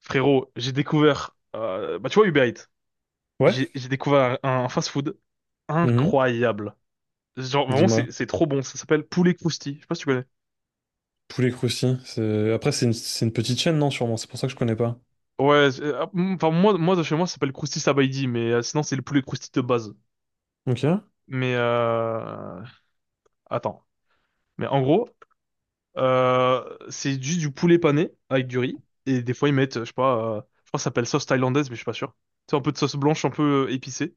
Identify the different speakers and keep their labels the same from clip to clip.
Speaker 1: Frérot, j'ai découvert, bah tu vois Uber Eats,
Speaker 2: Ouais,
Speaker 1: j'ai découvert un fast-food
Speaker 2: mhm,
Speaker 1: incroyable. Genre vraiment
Speaker 2: Dis-moi.
Speaker 1: c'est trop bon, ça s'appelle poulet crousti, je sais pas si tu connais.
Speaker 2: Poulet Crousty. Après, c'est une petite chaîne, non, sûrement. C'est pour ça que je connais pas.
Speaker 1: Ouais, enfin moi de chez moi ça s'appelle crousti sabaïdi, mais sinon c'est le poulet crousti de base.
Speaker 2: Ok,
Speaker 1: Mais attends, mais en gros c'est juste du poulet pané avec du riz et des fois ils mettent, je sais pas, je crois que ça s'appelle sauce thaïlandaise mais je suis pas sûr. C'est un peu de sauce blanche un peu épicée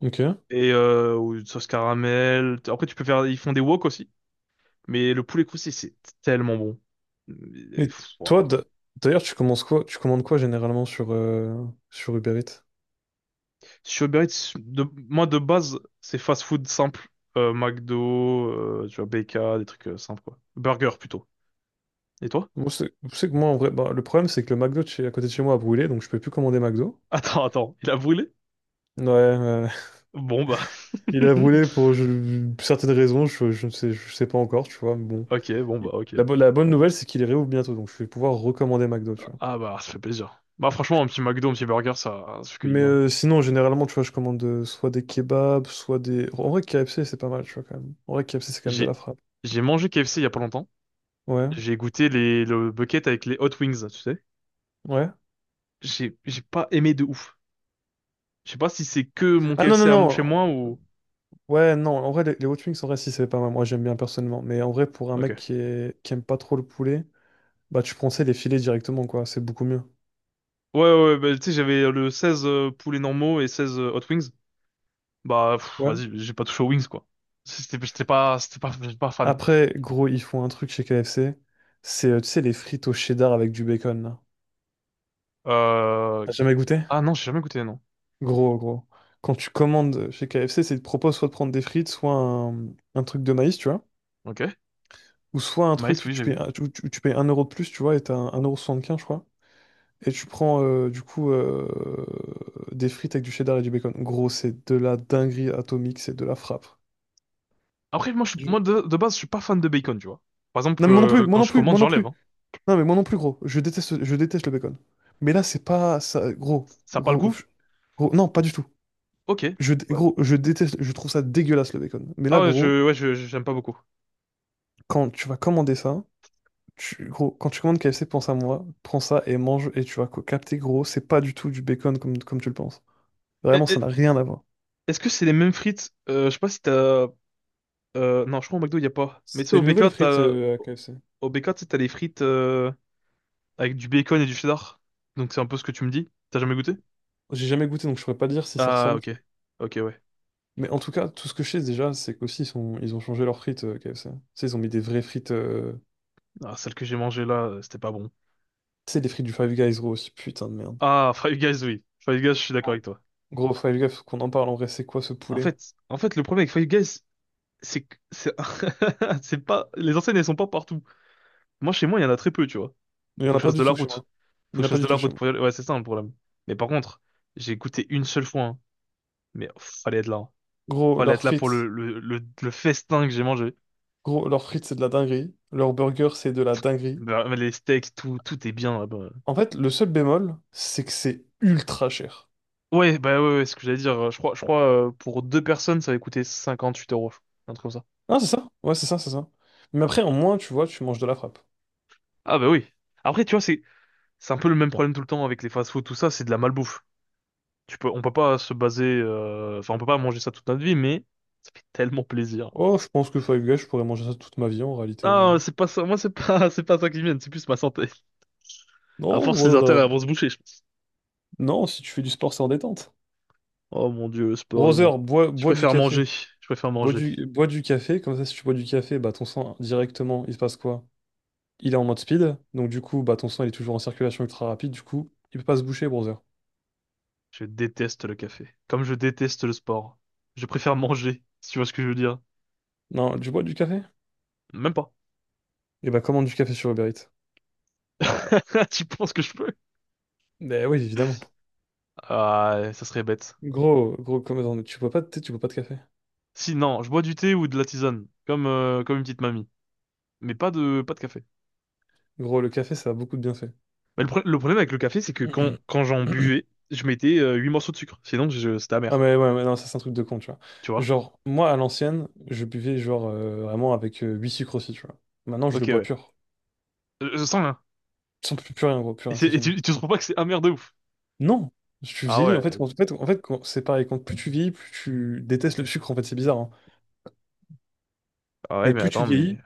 Speaker 2: ok.
Speaker 1: et ou une sauce caramel. Après tu peux faire, ils font des wok aussi. Mais le poulet croustillé, c'est tellement bon. Et,
Speaker 2: Et
Speaker 1: pff,
Speaker 2: toi,
Speaker 1: ouah.
Speaker 2: d'ailleurs, tu commences quoi? Tu commandes quoi généralement sur Uber Eats?
Speaker 1: Sur Uber Eats, moi de base, c'est fast food simple. McDo, tu vois, BK, des trucs simples quoi. Burger plutôt. Et toi?
Speaker 2: Moi, c'est tu sais que moi, en vrai, bah, le problème, c'est que le McDo à côté de chez moi a brûlé, donc je peux plus commander McDo.
Speaker 1: Attends, attends, il a brûlé?
Speaker 2: Ouais, ouais.
Speaker 1: Bon bah.
Speaker 2: Il a brûlé pour certaines raisons, je sais pas encore, tu vois, mais bon.
Speaker 1: Ok, bon bah, ok.
Speaker 2: La bonne nouvelle, c'est qu'il est réouvre bientôt, donc je vais pouvoir recommander McDo, tu vois.
Speaker 1: Ah bah, ça fait plaisir. Bah franchement, un petit McDo, un petit burger, ça fait que du
Speaker 2: Mais
Speaker 1: bien.
Speaker 2: euh, sinon, généralement, tu vois, je commande soit des kebabs, En vrai, KFC, c'est pas mal, tu vois, quand même. En vrai, KFC, c'est quand même de
Speaker 1: J'ai,
Speaker 2: la frappe.
Speaker 1: j'ai mangé KFC il y a pas longtemps.
Speaker 2: Ouais,
Speaker 1: J'ai goûté le bucket avec les hot wings, tu sais.
Speaker 2: ouais.
Speaker 1: J'ai pas aimé de ouf. Je sais pas si c'est que mon
Speaker 2: Ah non, non,
Speaker 1: KFC chez moi
Speaker 2: non.
Speaker 1: ou.
Speaker 2: Ouais, non, en vrai, les hot wings, en vrai, si, c'est pas mal. Moi, j'aime bien personnellement. Mais en vrai, pour un mec
Speaker 1: Ok.
Speaker 2: qui aime pas trop le poulet, bah, tu prends, tu sais, les filets directement, quoi. C'est beaucoup mieux.
Speaker 1: Ouais, ouais, ouais, bah, tu sais, j'avais le 16 poulets normaux et 16 Hot Wings. Bah, pff,
Speaker 2: Ouais.
Speaker 1: vas-y, j'ai pas touché aux Wings, quoi. Si, C'était, j'étais pas, c'était pas, j'étais pas fan.
Speaker 2: Après, gros, ils font un truc chez KFC. C'est, tu sais, les frites au cheddar avec du bacon, là.
Speaker 1: Euh...
Speaker 2: T'as jamais goûté?
Speaker 1: Ah non, j'ai jamais goûté, non.
Speaker 2: Gros, gros. Quand tu commandes chez KFC, c'est ils te proposent soit de prendre des frites, soit un truc de maïs, tu vois.
Speaker 1: Ok.
Speaker 2: Ou soit un
Speaker 1: Maïs,
Speaker 2: truc, où
Speaker 1: oui,
Speaker 2: tu
Speaker 1: j'ai
Speaker 2: payes,
Speaker 1: vu.
Speaker 2: tu payes 1 euro de plus, tu vois, et t'as 1,75€, je crois. Et tu prends, du coup, des frites avec du cheddar et du bacon. Gros, c'est de la dinguerie atomique, c'est de la frappe.
Speaker 1: Après, moi, je suis,
Speaker 2: Je-
Speaker 1: moi de base, je suis pas fan de bacon, tu vois. Par
Speaker 2: Non,
Speaker 1: exemple,
Speaker 2: mais moi non plus, moi
Speaker 1: quand
Speaker 2: non
Speaker 1: je
Speaker 2: plus,
Speaker 1: commande,
Speaker 2: moi non
Speaker 1: j'enlève,
Speaker 2: plus.
Speaker 1: hein.
Speaker 2: Non, mais moi non plus, gros. Je déteste le bacon. Mais là, c'est pas ça, gros.
Speaker 1: Ça a pas le
Speaker 2: Gros,
Speaker 1: goût?
Speaker 2: gros, non, pas du tout.
Speaker 1: Ok.
Speaker 2: Je, dé-
Speaker 1: Ouais.
Speaker 2: gros, je déteste, je trouve ça dégueulasse, le bacon. Mais
Speaker 1: Ah
Speaker 2: là,
Speaker 1: ouais,
Speaker 2: gros,
Speaker 1: j'aime pas beaucoup.
Speaker 2: quand tu vas commander ça, gros, quand tu commandes KFC, pense à moi, prends ça et mange et tu vas capter, gros, c'est pas du tout du bacon comme tu le penses.
Speaker 1: Eh,
Speaker 2: Vraiment, ça
Speaker 1: eh,
Speaker 2: n'a rien à voir.
Speaker 1: Est-ce que c'est les mêmes frites? Je sais pas si non, je crois au McDo, il y a pas. Mais tu sais,
Speaker 2: C'est
Speaker 1: au
Speaker 2: une nouvelle
Speaker 1: BK,
Speaker 2: frite à KFC.
Speaker 1: tu sais, t'as les frites, avec du bacon et du cheddar. Donc c'est un peu ce que tu me dis. T'as jamais goûté?
Speaker 2: J'ai jamais goûté, donc je pourrais pas dire si ça
Speaker 1: Ah,
Speaker 2: ressemble, tu
Speaker 1: ok.
Speaker 2: vois.
Speaker 1: Ok, ouais.
Speaker 2: Mais en tout cas, tout ce que je sais déjà, c'est qu'aussi, ils ont changé leurs frites KFC. Tu sais, ils ont mis des vraies frites.
Speaker 1: Ah, celle que j'ai mangée là, c'était pas bon.
Speaker 2: Tu sais, des frites du Five Guys, gros, aussi, putain de merde.
Speaker 1: Ah, Five Guys, oui. Five Guys, je suis d'accord
Speaker 2: Oh.
Speaker 1: avec toi.
Speaker 2: Gros, Five Guys, faut qu'on en parle en vrai, c'est quoi ce
Speaker 1: En
Speaker 2: poulet?
Speaker 1: fait, en fait, le problème avec Five Guys, c'est que c'est c'est pas les enseignes, elles sont pas partout. Moi, chez moi, il y en a très peu, tu vois.
Speaker 2: Il y en
Speaker 1: Faut
Speaker 2: a
Speaker 1: que je
Speaker 2: pas
Speaker 1: fasse
Speaker 2: du
Speaker 1: de la
Speaker 2: tout chez
Speaker 1: route.
Speaker 2: moi.
Speaker 1: Faut
Speaker 2: Il
Speaker 1: que
Speaker 2: y en
Speaker 1: je
Speaker 2: a pas
Speaker 1: fasse de
Speaker 2: du
Speaker 1: la
Speaker 2: tout chez
Speaker 1: route
Speaker 2: moi.
Speaker 1: pour y aller. Ouais, c'est ça le problème. Mais par contre, j'ai goûté une seule fois, hein. Mais pff, fallait être là, hein.
Speaker 2: Gros,
Speaker 1: Fallait
Speaker 2: leurs
Speaker 1: être là pour
Speaker 2: frites,
Speaker 1: le festin que j'ai mangé.
Speaker 2: gros, leurs frites, c'est de la dinguerie. Leur burger, c'est de la dinguerie.
Speaker 1: Bah, les steaks, tout est bien là-bas.
Speaker 2: En fait, le seul bémol, c'est que c'est ultra cher.
Speaker 1: Ouais, bah ouais, ouais, c'est ce que j'allais dire. Je crois, pour deux personnes, ça va coûter 58 euros. Un truc comme ça.
Speaker 2: Ah, c'est ça? Ouais, c'est ça, c'est ça. Mais après, en moins, tu vois, tu manges de la frappe.
Speaker 1: Ah bah oui. Après, tu vois, c'est un peu le même problème tout le temps avec les fast-food, tout ça, c'est de la malbouffe. On peut pas se baser, enfin, on peut pas manger ça toute notre vie, mais ça fait tellement plaisir.
Speaker 2: Oh, je pense que Five Guys, je pourrais manger ça toute ma vie en réalité. Ouais.
Speaker 1: Ah, c'est pas ça. Moi, c'est pas, c'est pas ça qui vient. C'est plus ma santé. À
Speaker 2: Non,
Speaker 1: force, les artères
Speaker 2: voilà.
Speaker 1: elles vont se boucher, je pense.
Speaker 2: Non, si tu fais du sport, c'est en détente.
Speaker 1: Oh mon Dieu, le sport et moi.
Speaker 2: Brother, bois,
Speaker 1: Je
Speaker 2: bois du
Speaker 1: préfère
Speaker 2: café.
Speaker 1: manger. Je préfère
Speaker 2: Bois
Speaker 1: manger.
Speaker 2: du, bois du café, comme ça, si tu bois du café, bah ton sang directement, il se passe quoi? Il est en mode speed, donc du coup, bah ton sang il est toujours en circulation ultra rapide, du coup, il peut pas se boucher, brother.
Speaker 1: Je déteste le café. Comme je déteste le sport. Je préfère manger. Si tu vois ce que je veux dire.
Speaker 2: Non, tu bois du café?
Speaker 1: Même pas.
Speaker 2: Et bah commande du café sur Uber Eats.
Speaker 1: Tu penses que je peux?
Speaker 2: Ben oui, évidemment.
Speaker 1: Ah, ça serait bête.
Speaker 2: Gros, gros, comme attends, mais tu bois pas de thé, tu bois pas de café.
Speaker 1: Si, non, je bois du thé ou de la tisane, comme une petite mamie. Mais pas de café.
Speaker 2: Gros, le café, ça a beaucoup de bienfaits.
Speaker 1: Mais le problème avec le café, c'est que quand j'en buvais, je mettais 8 morceaux de sucre. Sinon, c'était
Speaker 2: Ah
Speaker 1: amer.
Speaker 2: mais ouais, mais non, ça c'est un truc de con, tu vois.
Speaker 1: Tu vois?
Speaker 2: Genre, moi, à l'ancienne, je buvais genre vraiment avec 8 sucres aussi, tu vois. Maintenant, je
Speaker 1: Ok,
Speaker 2: le bois
Speaker 1: ouais.
Speaker 2: pur.
Speaker 1: Je sens là.
Speaker 2: Sans plus, plus rien, gros, plus
Speaker 1: Et,
Speaker 2: rien, c'est
Speaker 1: et
Speaker 2: fini.
Speaker 1: tu trouves pas que c'est amer de ouf?
Speaker 2: Non! Je suis
Speaker 1: Ah
Speaker 2: vieilli, en fait,
Speaker 1: ouais.
Speaker 2: en fait, c'est pareil, quand plus tu vieillis, plus tu détestes le sucre, en fait, c'est bizarre, hein.
Speaker 1: Ah ouais,
Speaker 2: Mais
Speaker 1: mais
Speaker 2: plus tu
Speaker 1: attends, mais.
Speaker 2: vieillis,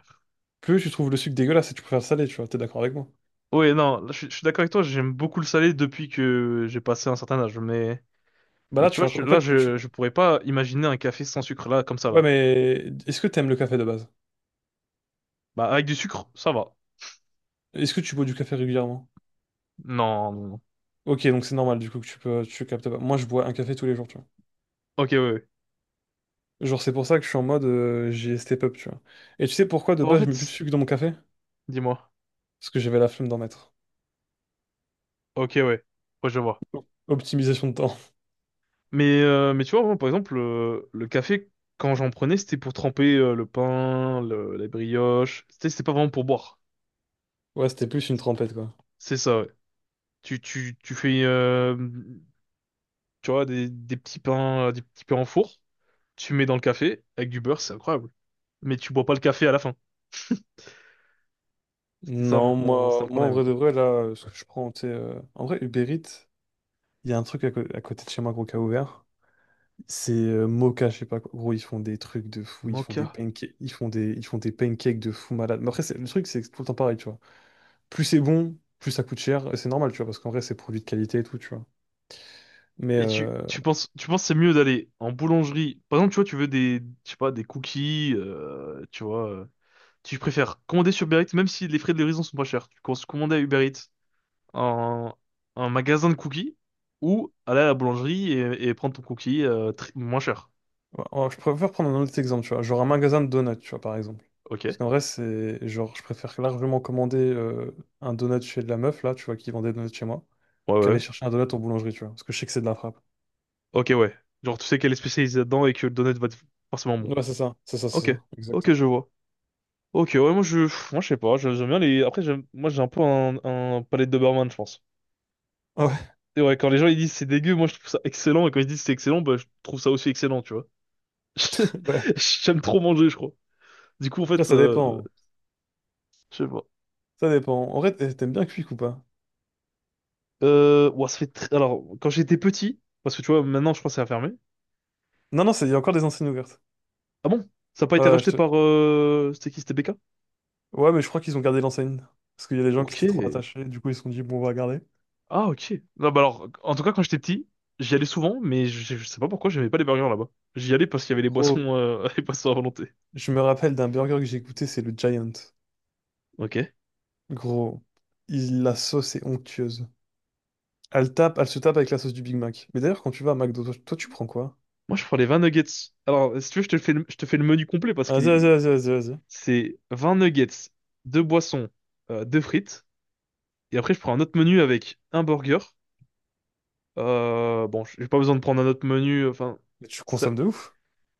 Speaker 2: plus tu trouves le sucre dégueulasse et tu préfères le salé, tu vois, t'es d'accord avec moi?
Speaker 1: Ouais, non, là, je suis d'accord avec toi, j'aime beaucoup le salé depuis que j'ai passé un certain âge. Mais,
Speaker 2: Bah
Speaker 1: mais
Speaker 2: là,
Speaker 1: tu
Speaker 2: tu
Speaker 1: vois, je-
Speaker 2: vois, en
Speaker 1: là,
Speaker 2: fait, tu...
Speaker 1: je, je pourrais pas imaginer un café sans sucre, là, comme ça,
Speaker 2: Ouais,
Speaker 1: là.
Speaker 2: mais est-ce que t'aimes le café de base?
Speaker 1: Bah, avec du sucre, ça va.
Speaker 2: Est-ce que tu bois du café régulièrement?
Speaker 1: Non, non, non.
Speaker 2: Ok, donc c'est normal du coup que tu captes pas. Moi, je bois un café tous les jours, tu vois.
Speaker 1: Ok, ouais, ouais.
Speaker 2: Genre, c'est pour ça que je suis en mode j'ai step up, tu vois. Et tu sais pourquoi de
Speaker 1: En
Speaker 2: base je
Speaker 1: fait,
Speaker 2: mets plus de sucre dans mon café?
Speaker 1: dis-moi.
Speaker 2: Parce que j'avais la flemme d'en mettre.
Speaker 1: Ok, ouais. Ouais, je vois.
Speaker 2: Optimisation de temps.
Speaker 1: Mais tu vois, moi, par exemple, le café, quand j'en prenais, c'était pour tremper le pain, les brioches. C'était pas vraiment pour boire.
Speaker 2: Ouais, c'était plus une trempette, quoi.
Speaker 1: C'est ça, ouais. Tu fais, tu vois, des petits pains en four. Tu mets dans le café avec du beurre, c'est incroyable. Mais tu bois pas le café à la fin. C'était ça,
Speaker 2: Non,
Speaker 1: c'était
Speaker 2: moi,
Speaker 1: le
Speaker 2: moi en
Speaker 1: problème,
Speaker 2: vrai
Speaker 1: quoi.
Speaker 2: de vrai, là, ce que je prends, tu sais, en vrai, Uber Eats, il y a un truc à côté de chez moi, gros, qui a ouvert. C'est Moka, je sais pas quoi. Gros, ils font des trucs de fou, ils font des
Speaker 1: Mocha.
Speaker 2: pancakes, ils font des pancakes de fou malade. Mais après, le truc, c'est que c'est tout le temps pareil, tu vois. Plus c'est bon, plus ça coûte cher. Et c'est normal, tu vois, parce qu'en vrai, c'est produit de qualité et tout, tu vois. Mais
Speaker 1: Et tu,
Speaker 2: euh,
Speaker 1: tu penses, tu penses que c'est mieux d'aller en boulangerie. Par exemple, tu vois, tu veux des, je sais pas, des cookies, tu vois. Tu préfères commander sur Uber Eats, même si les frais de livraison sont pas chers. Tu penses commander à Uber Eats un, un magasin de cookies ou aller à la boulangerie et prendre ton cookie moins cher.
Speaker 2: ouais, oh, je préfère prendre un autre exemple, tu vois. Genre un magasin de donuts, tu vois, par exemple.
Speaker 1: Ok.
Speaker 2: Parce
Speaker 1: Ouais,
Speaker 2: qu'en vrai, c'est genre, je préfère largement commander un donut chez de la meuf, là, tu vois, qui vend des donuts chez moi,
Speaker 1: ouais,
Speaker 2: qu'aller
Speaker 1: ouais.
Speaker 2: chercher un donut en boulangerie, tu vois. Parce que je sais que c'est de la frappe.
Speaker 1: Ok, ouais. Genre, tu sais qu'elle est spécialisée dedans et que le donut va être forcément bon.
Speaker 2: Ouais, c'est ça, c'est ça, c'est
Speaker 1: Ok.
Speaker 2: ça,
Speaker 1: Ok,
Speaker 2: exactement.
Speaker 1: je vois. Ok, ouais, moi je sais pas. J'aime bien les. Après, moi j'ai un peu un, palais de Doberman, je pense.
Speaker 2: Ah, ouais,
Speaker 1: Et ouais, quand les gens ils disent c'est dégueu, moi je trouve ça excellent, et quand ils disent c'est excellent, bah je trouve ça aussi excellent, tu vois.
Speaker 2: ouais.
Speaker 1: J'aime trop manger, je crois. Du coup, en
Speaker 2: Après,
Speaker 1: fait,
Speaker 2: ça dépend.
Speaker 1: je sais pas.
Speaker 2: Ça dépend. En vrai, t'aimes bien Quick ou pas?
Speaker 1: Ouah, alors, quand j'étais petit, parce que tu vois, maintenant je crois que c'est fermé.
Speaker 2: Non, non, il y a encore des enseignes ouvertes.
Speaker 1: Ah bon? Ça n'a pas été
Speaker 2: Ouais, je
Speaker 1: racheté
Speaker 2: te-
Speaker 1: par... C'était qui? C'était BK?
Speaker 2: ouais, mais je crois qu'ils ont gardé l'enseigne. Parce qu'il y a des gens qui
Speaker 1: Ok.
Speaker 2: étaient trop attachés, du coup, ils se sont dit, bon, on va garder.
Speaker 1: Ah, ok. Non, bah alors, en tout cas, quand j'étais petit, j'y allais souvent, mais je sais pas pourquoi j'aimais pas les burgers là-bas. J'y allais parce qu'il y avait les
Speaker 2: Gros,
Speaker 1: boissons, les boissons à volonté.
Speaker 2: je me rappelle d'un burger que j'ai goûté, c'est le Giant.
Speaker 1: Ok.
Speaker 2: Gros, la sauce est onctueuse. Elle se tape avec la sauce du Big Mac. Mais d'ailleurs, quand tu vas à McDo, toi, toi, tu prends quoi?
Speaker 1: Moi, je prends les 20 nuggets. Alors, si tu veux, je te fais le menu complet. parce
Speaker 2: Ah,
Speaker 1: qu'il
Speaker 2: vas-y,
Speaker 1: est,
Speaker 2: vas-y, vas-y, vas-y, vas-y.
Speaker 1: c'est 20 nuggets, deux boissons, deux frites. Et après, je prends un autre menu avec un burger. Bon, j'ai pas besoin de prendre un autre menu. Enfin,
Speaker 2: Mais tu
Speaker 1: ça-
Speaker 2: consommes de ouf.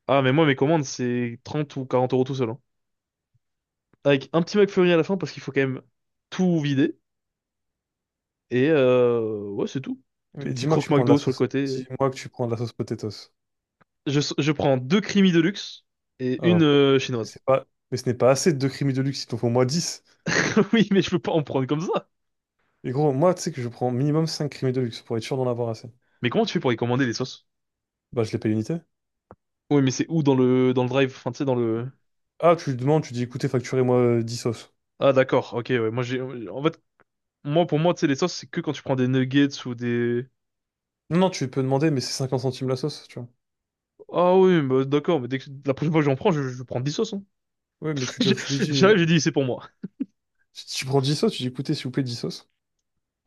Speaker 1: mais moi, mes commandes, c'est 30 ou 40 € tout seul, hein. Avec un petit McFlurry à la fin parce qu'il faut quand même tout vider. Et ouais, c'est tout. Tout
Speaker 2: Mais
Speaker 1: petit
Speaker 2: dis-moi que
Speaker 1: croque
Speaker 2: tu prends de la
Speaker 1: McDo sur le
Speaker 2: sauce.
Speaker 1: côté.
Speaker 2: Dis-moi que tu prends de la sauce potatoes.
Speaker 1: Je prends deux creamy de luxe et une
Speaker 2: Alors, mais
Speaker 1: chinoise.
Speaker 2: ce n'est pas assez de deux creamy de luxe, il t'en faut au moins 10.
Speaker 1: Oui, mais je peux pas en prendre comme ça.
Speaker 2: Et gros, moi, tu sais que je prends minimum 5 creamy de luxe pour être sûr d'en avoir assez.
Speaker 1: Mais comment tu fais pour y commander les sauces?
Speaker 2: Bah, je les paye unité.
Speaker 1: Oui, mais c'est où dans le drive? Enfin, tu sais, dans le.
Speaker 2: Ah, tu lui demandes, tu dis, écoutez, facturez-moi 10 sauces.
Speaker 1: Ah d'accord, ok, ouais. En fait, moi pour moi, tu sais, les sauces, c'est que quand tu prends des nuggets ou des.
Speaker 2: Non, non, tu peux demander, mais c'est 50 centimes la sauce, tu vois.
Speaker 1: Ah oui, bah, d'accord, mais dès que la prochaine fois que j'en prends, je prends 10 sauces, hein.
Speaker 2: Oui, mais tu,
Speaker 1: J'ai-
Speaker 2: tu lui dis.
Speaker 1: J'arrive, j'ai dit c'est pour moi.
Speaker 2: Tu prends 10 sauces, tu dis écoutez, s'il vous plaît, 10 sauces.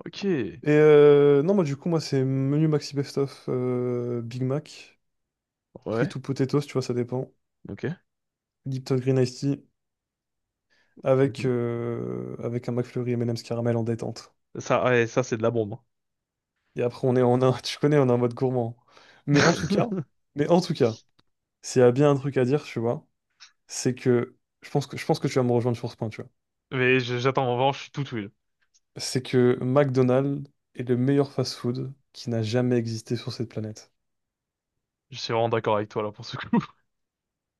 Speaker 1: Ok,
Speaker 2: Et non, moi, du coup, moi, c'est menu Maxi Best of Big Mac,
Speaker 1: ouais,
Speaker 2: frites ou potatoes, tu vois, ça dépend.
Speaker 1: ok.
Speaker 2: Lipton Green Iced Tea avec,
Speaker 1: Mhm.
Speaker 2: euh, avec un McFlurry M&M's caramel en détente.
Speaker 1: Ça, ouais, ça c'est de la bombe, hein.
Speaker 2: Et après, on est en un, tu connais, on est en mode gourmand. Mais en tout cas, mais en tout cas, s'il y a bien un truc à dire, tu vois, c'est que je pense que tu vas me rejoindre sur ce point, tu vois.
Speaker 1: Mais j'attends, en revanche je suis tout ouïe.
Speaker 2: C'est que McDonald's est le meilleur fast-food qui n'a jamais existé sur cette planète.
Speaker 1: Je suis vraiment d'accord avec toi là pour ce coup.